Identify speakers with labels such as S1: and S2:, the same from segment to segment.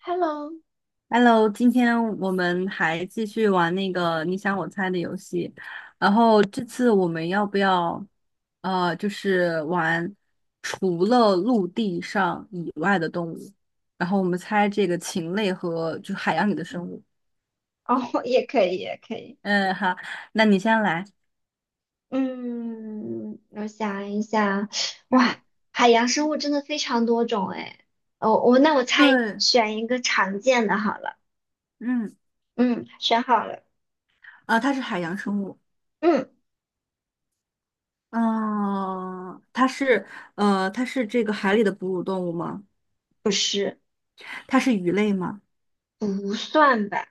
S1: Hello。
S2: Hello，今天我们还继续玩那个你想我猜的游戏，然后这次我们要不要，就是玩除了陆地上以外的动物，然后我们猜这个禽类和就海洋里的生物。
S1: 哦，也可以，也可以。
S2: 嗯，好，那你先来。
S1: 嗯，我想一下，
S2: 嗯，
S1: 哇，海洋生物真的非常多种哎。哦，我那我猜
S2: 对，
S1: 选一个常见的好了。
S2: 嗯，
S1: 嗯，选好了。
S2: 啊、它是海洋生物。
S1: 嗯，
S2: 嗯、它是，它是这个海里的哺乳动物吗？
S1: 不是，
S2: 它是鱼类吗？
S1: 不算吧，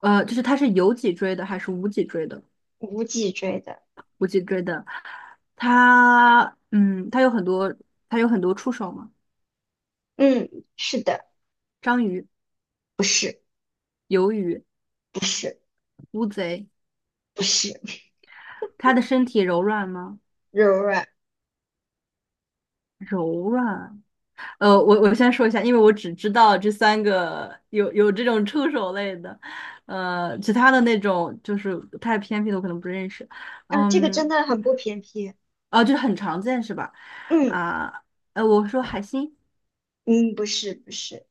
S2: 就是它是有脊椎的还是无脊椎的？
S1: 无脊椎的。
S2: 我记追的，它有很多，它有很多触手嘛，
S1: 嗯，是的，
S2: 章鱼、
S1: 不是，
S2: 鱿鱼、
S1: 不是，
S2: 乌贼，
S1: 不是，
S2: 它的身体柔软吗？
S1: 柔软。
S2: 柔软。我先说一下，因为我只知道这三个有这种触手类的，呃，其他的那种就是太偏僻的我可能不认识。
S1: 啊，这个真
S2: 嗯，
S1: 的很不偏僻。
S2: 啊，就是很常见是吧？
S1: 嗯
S2: 啊，我说海星
S1: 嗯，不是，不是，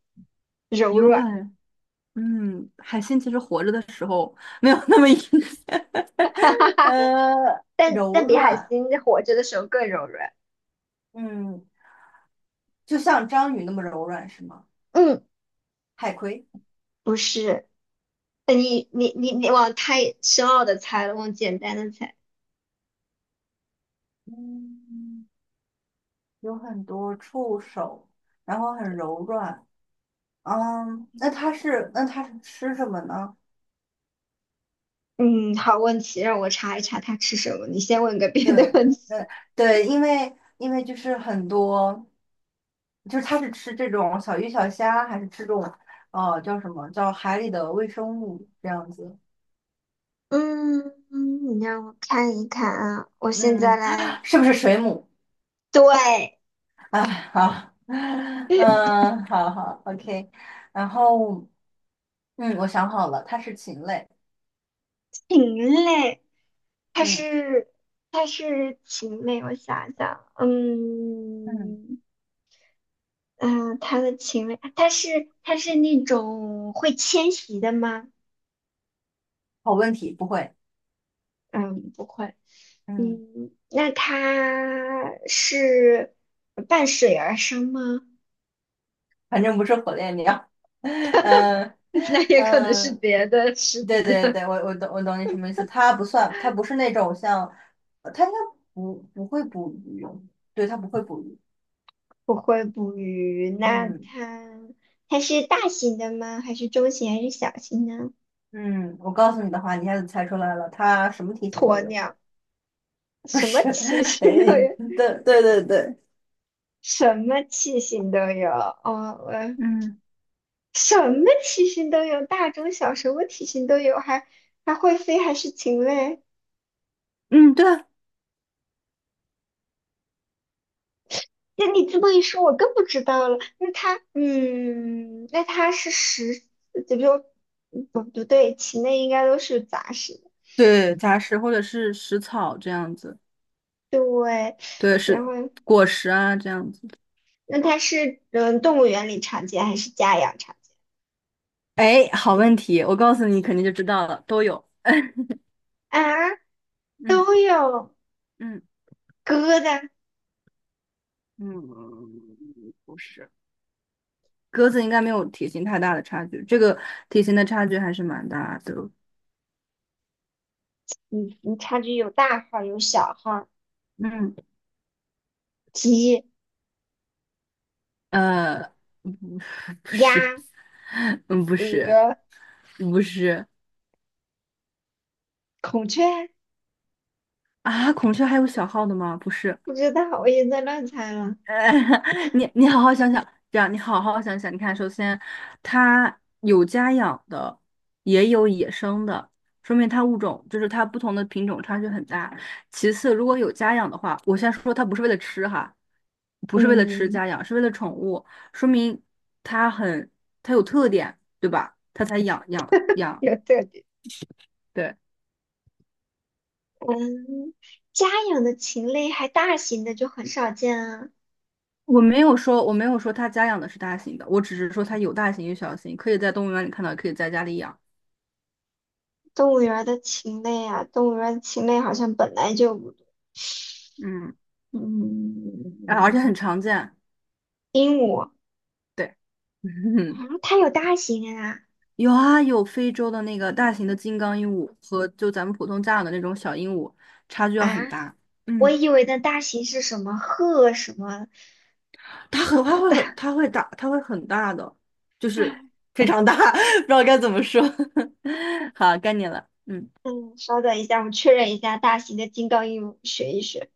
S1: 柔
S2: 有
S1: 软，
S2: 很嗯，海星其实活着的。没有那么硬，
S1: 哈哈 哈。但
S2: 柔
S1: 但比海
S2: 软，
S1: 星活着的时候更柔软。
S2: 嗯，就像章鱼那么柔软是吗？
S1: 嗯。
S2: 海葵，
S1: 不是，你往太深奥的猜了，往简单的猜。
S2: 嗯，有很多触手，然后很柔软，嗯，那它是吃什么呢？
S1: 嗯，好问题，让我查一查他吃什么。你先问个别
S2: 对，
S1: 的问题。
S2: 呃，对，因为就是很多，就是它是吃这种小鱼小虾，还是吃这种叫什么叫海里的微生物这样子？
S1: 嗯，嗯你让我看一看啊，我现在
S2: 嗯，
S1: 来。
S2: 是不是水母？
S1: 对，
S2: 啊，好，嗯，好好，OK。然后，嗯，我想好了，它是禽类。
S1: 禽类，它
S2: 嗯
S1: 是它是禽类，我想想，
S2: 嗯，
S1: 嗯嗯、它的禽类，它是那种会迁徙的吗？
S2: 好问题，不会。
S1: 嗯，不会。
S2: 嗯，
S1: 嗯，那它是伴水而生吗？
S2: 反正不是火烈鸟。嗯
S1: 那也可能是
S2: 嗯，
S1: 别的实
S2: 对
S1: 体
S2: 对
S1: 的，
S2: 对，我懂你什么意思。它不算，它不是那种像，它应该不会捕鱼。对，它不会捕鱼。
S1: 不会捕鱼。那
S2: 嗯
S1: 它它是大型的吗？还是中型？还是小型呢？
S2: 嗯，我告诉你的话，你一下子猜出来了，它什么体型都
S1: 鸵
S2: 有。
S1: 鸟，
S2: 不
S1: 什么
S2: 是，
S1: 体
S2: 哎，
S1: 型都有，
S2: 对对对对。
S1: 什么体型都有。哦，我
S2: 嗯
S1: 什么体型都有，大中小，什么体型都有，还会飞，还是禽类。
S2: 嗯，对啊
S1: 那你这么一说，我更不知道了。那它，嗯，那它是食，就比如，不不对，禽类应该都是杂食的，
S2: 对，杂食或者是食草这样子，
S1: 对。
S2: 对，是
S1: 然后，
S2: 果实啊这样子。
S1: 那它是嗯动物园里常见还是家养常见？
S2: 哎，好问题，我告诉你，肯定就知道了，都有。
S1: 啊，
S2: 嗯
S1: 都有
S2: 嗯
S1: 鸽子，
S2: 嗯，不是，鸽子应该没有体型太大的差距，这个体型的差距还是蛮大的哦。
S1: 嗯，你差距有大号儿有小号儿
S2: 嗯
S1: 鸡、
S2: 呃，不 不
S1: 鸭、
S2: 是，嗯不是
S1: 鹅、
S2: 不是
S1: 孔雀，
S2: 啊，孔雀还有小号的吗？不是。
S1: 不知道，我也在乱猜了。
S2: 呃，你你好好想想，这样你好好想想。你看，首先，它有家养的，也有野生的，说明它物种就是它不同的品种差距很大。其次，如果有家养的话，我先说它不是为了吃哈，不是为了吃
S1: 嗯，
S2: 家养，是为了宠物，说明它它有特点，对吧？它才养养养。
S1: 有这
S2: 对，
S1: 嗯，家养的禽类还大型的就很少见啊。
S2: 我没有说它家养的是大型的，我只是说它有大型有小型，可以在动物园里看到，也可以在家里养。
S1: 动物园儿的禽类啊，动物园儿的禽类好像本来就不多
S2: 嗯。
S1: 嗯，
S2: 啊，而且很常见。
S1: 鹦鹉啊，
S2: 对，
S1: 它有大型啊
S2: 有啊，有非洲的那个大型的金刚鹦鹉和就咱们普通家养的那种小鹦鹉，差距要很
S1: 啊！
S2: 大。
S1: 我
S2: 嗯，
S1: 以为的大型是什么鹤什么啊？
S2: 它 很它会很它会大，它会很大的，就是非常大，不知道该怎么说。好，该你了。嗯
S1: 嗯，稍等一下，我确认一下大型的金刚鹦鹉，学一学。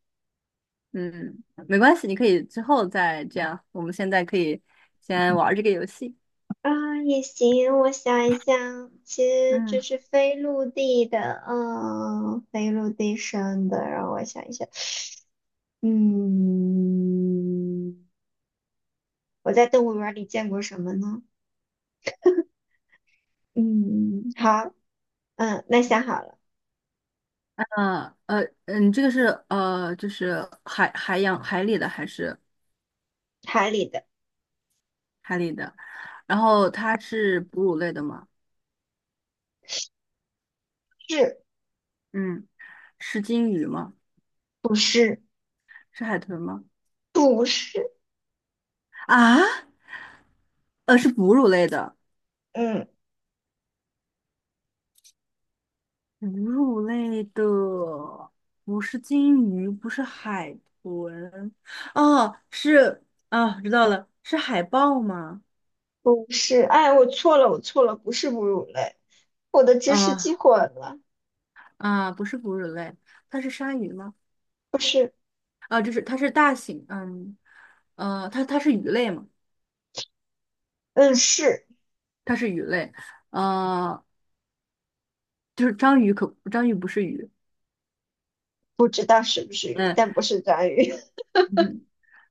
S2: 嗯，没关系，你可以之后再这样。我们现在可以先玩儿这个游戏。
S1: 啊，也行，我想一想，其实这
S2: 嗯，
S1: 是非陆地的，嗯，非陆地生的，让我想一想。嗯，我在动物园儿里见过什么呢？嗯，好，嗯，那想好了，
S2: 这个是就是海里的还是？
S1: 海里的
S2: 海里的。然后它是哺乳类的吗？
S1: 是
S2: 嗯，是鲸鱼吗？
S1: 不是
S2: 是海豚吗？
S1: 不是？
S2: 啊，是哺乳类的，
S1: 嗯，
S2: 哺乳类的，不是鲸鱼，不是海豚，哦，是啊，知道了，是海豹吗？
S1: 不是。哎，我错了，我错了，不是哺乳类，我的知识记
S2: 啊
S1: 混了，
S2: 啊，不是哺乳类，它是鲨鱼吗？
S1: 不是，
S2: 啊，就是它是大型，嗯，它是鱼类吗？
S1: 嗯，是，
S2: 它是鱼类，呃，就是章鱼不是鱼，
S1: 不知道是不是鱼，但
S2: 嗯。
S1: 不是章鱼，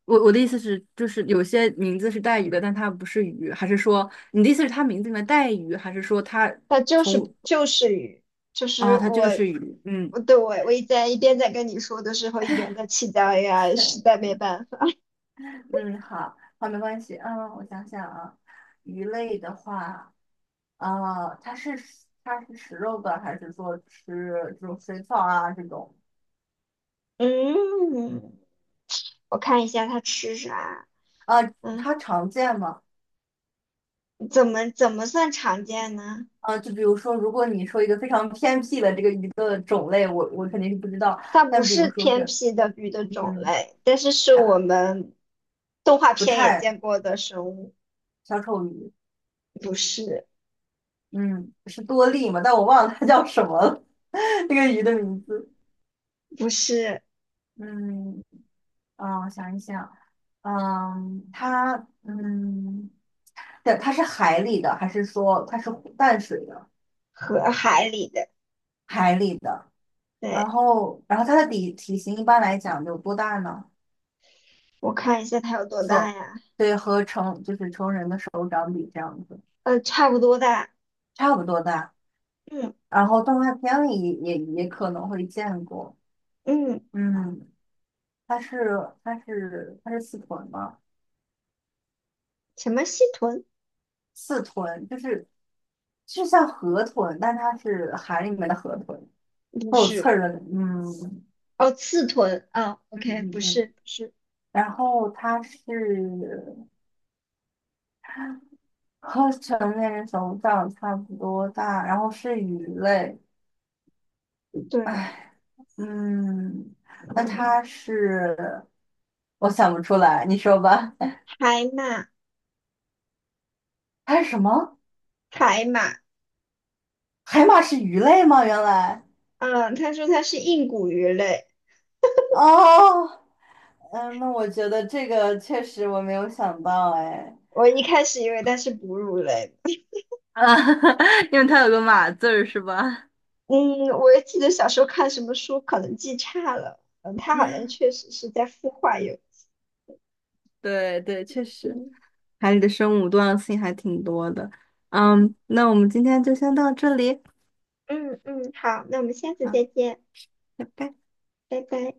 S2: 我的意思是，就是有些名字是带鱼的，但它不是鱼，还是说你的意思是它名字里面带鱼，还是说
S1: 它
S2: 从
S1: 就是鱼，就是
S2: 啊，它
S1: 我。
S2: 就是鱼？嗯，
S1: 我对我我一在一边在跟你说的时候，一边在气到呀，实
S2: 是，
S1: 在没办法。
S2: 嗯，好，好，没关系，嗯，我想想啊，鱼类的话，啊，它是食肉的，还是说吃这种水草啊这种？
S1: 嗯，我看一下它吃啥。
S2: 啊，
S1: 嗯，
S2: 它常见吗？
S1: 怎么算常见呢？
S2: 啊，就比如说，如果你说一个非常偏僻的这个鱼的种类，我肯定是不知道，
S1: 它不
S2: 但比如
S1: 是
S2: 说
S1: 偏
S2: 是，
S1: 僻的鱼的种
S2: 嗯。
S1: 类，但是是我
S2: 它。
S1: 们动画
S2: 不
S1: 片也
S2: 太
S1: 见过的生物，
S2: 小丑鱼，
S1: 不是
S2: 嗯，是多利嘛，但我忘了它叫什么了，那个鱼的名字，
S1: 不是
S2: 嗯，啊，我想一想，嗯，它，嗯，对，它是海里的，还是说它是湖淡水的？
S1: 河海里的。
S2: 海里的，
S1: 对，
S2: 然后它的体型一般来讲有多大呢？
S1: 我看一下它有多大呀？
S2: 对，和成就是成人的手掌比这样子，
S1: 呃，差不多大。
S2: 差不多大。
S1: 嗯
S2: 然后动画片里也也可能会见过，
S1: 嗯，
S2: 嗯。它是它是它是四臀吗？
S1: 什么蜥豚？
S2: 四臀就是就像河豚，但它是海里面的河豚，
S1: 不
S2: 会有刺
S1: 是，
S2: 儿的，嗯
S1: 哦，刺豚。啊 o
S2: 嗯
S1: k
S2: 嗯
S1: 不
S2: 嗯。
S1: 是不是。
S2: 然后它是和成年人手掌差不多大，然后是鱼类，
S1: 对，
S2: 唉，嗯，那它是我想不出来，你说吧，
S1: 海马
S2: 它是什么？
S1: 海马。
S2: 海马是鱼类吗？原来。
S1: 嗯，他说它是硬骨鱼类。
S2: 哦，嗯，那我觉得这个确实我没有想到，哎，
S1: 我一开始以为它是哺乳类，
S2: 啊，因为它有个马字儿是吧？
S1: 嗯，我也记得小时候看什么书，可能记差了，嗯，它好像确实是在孵化有机
S2: 对对，确实，
S1: 嗯
S2: 海里的生物多样性还挺多的。嗯，那我们今天就先到这里，
S1: 嗯嗯，好，那我们下次
S2: 好，
S1: 再见，
S2: 拜拜。
S1: 拜拜。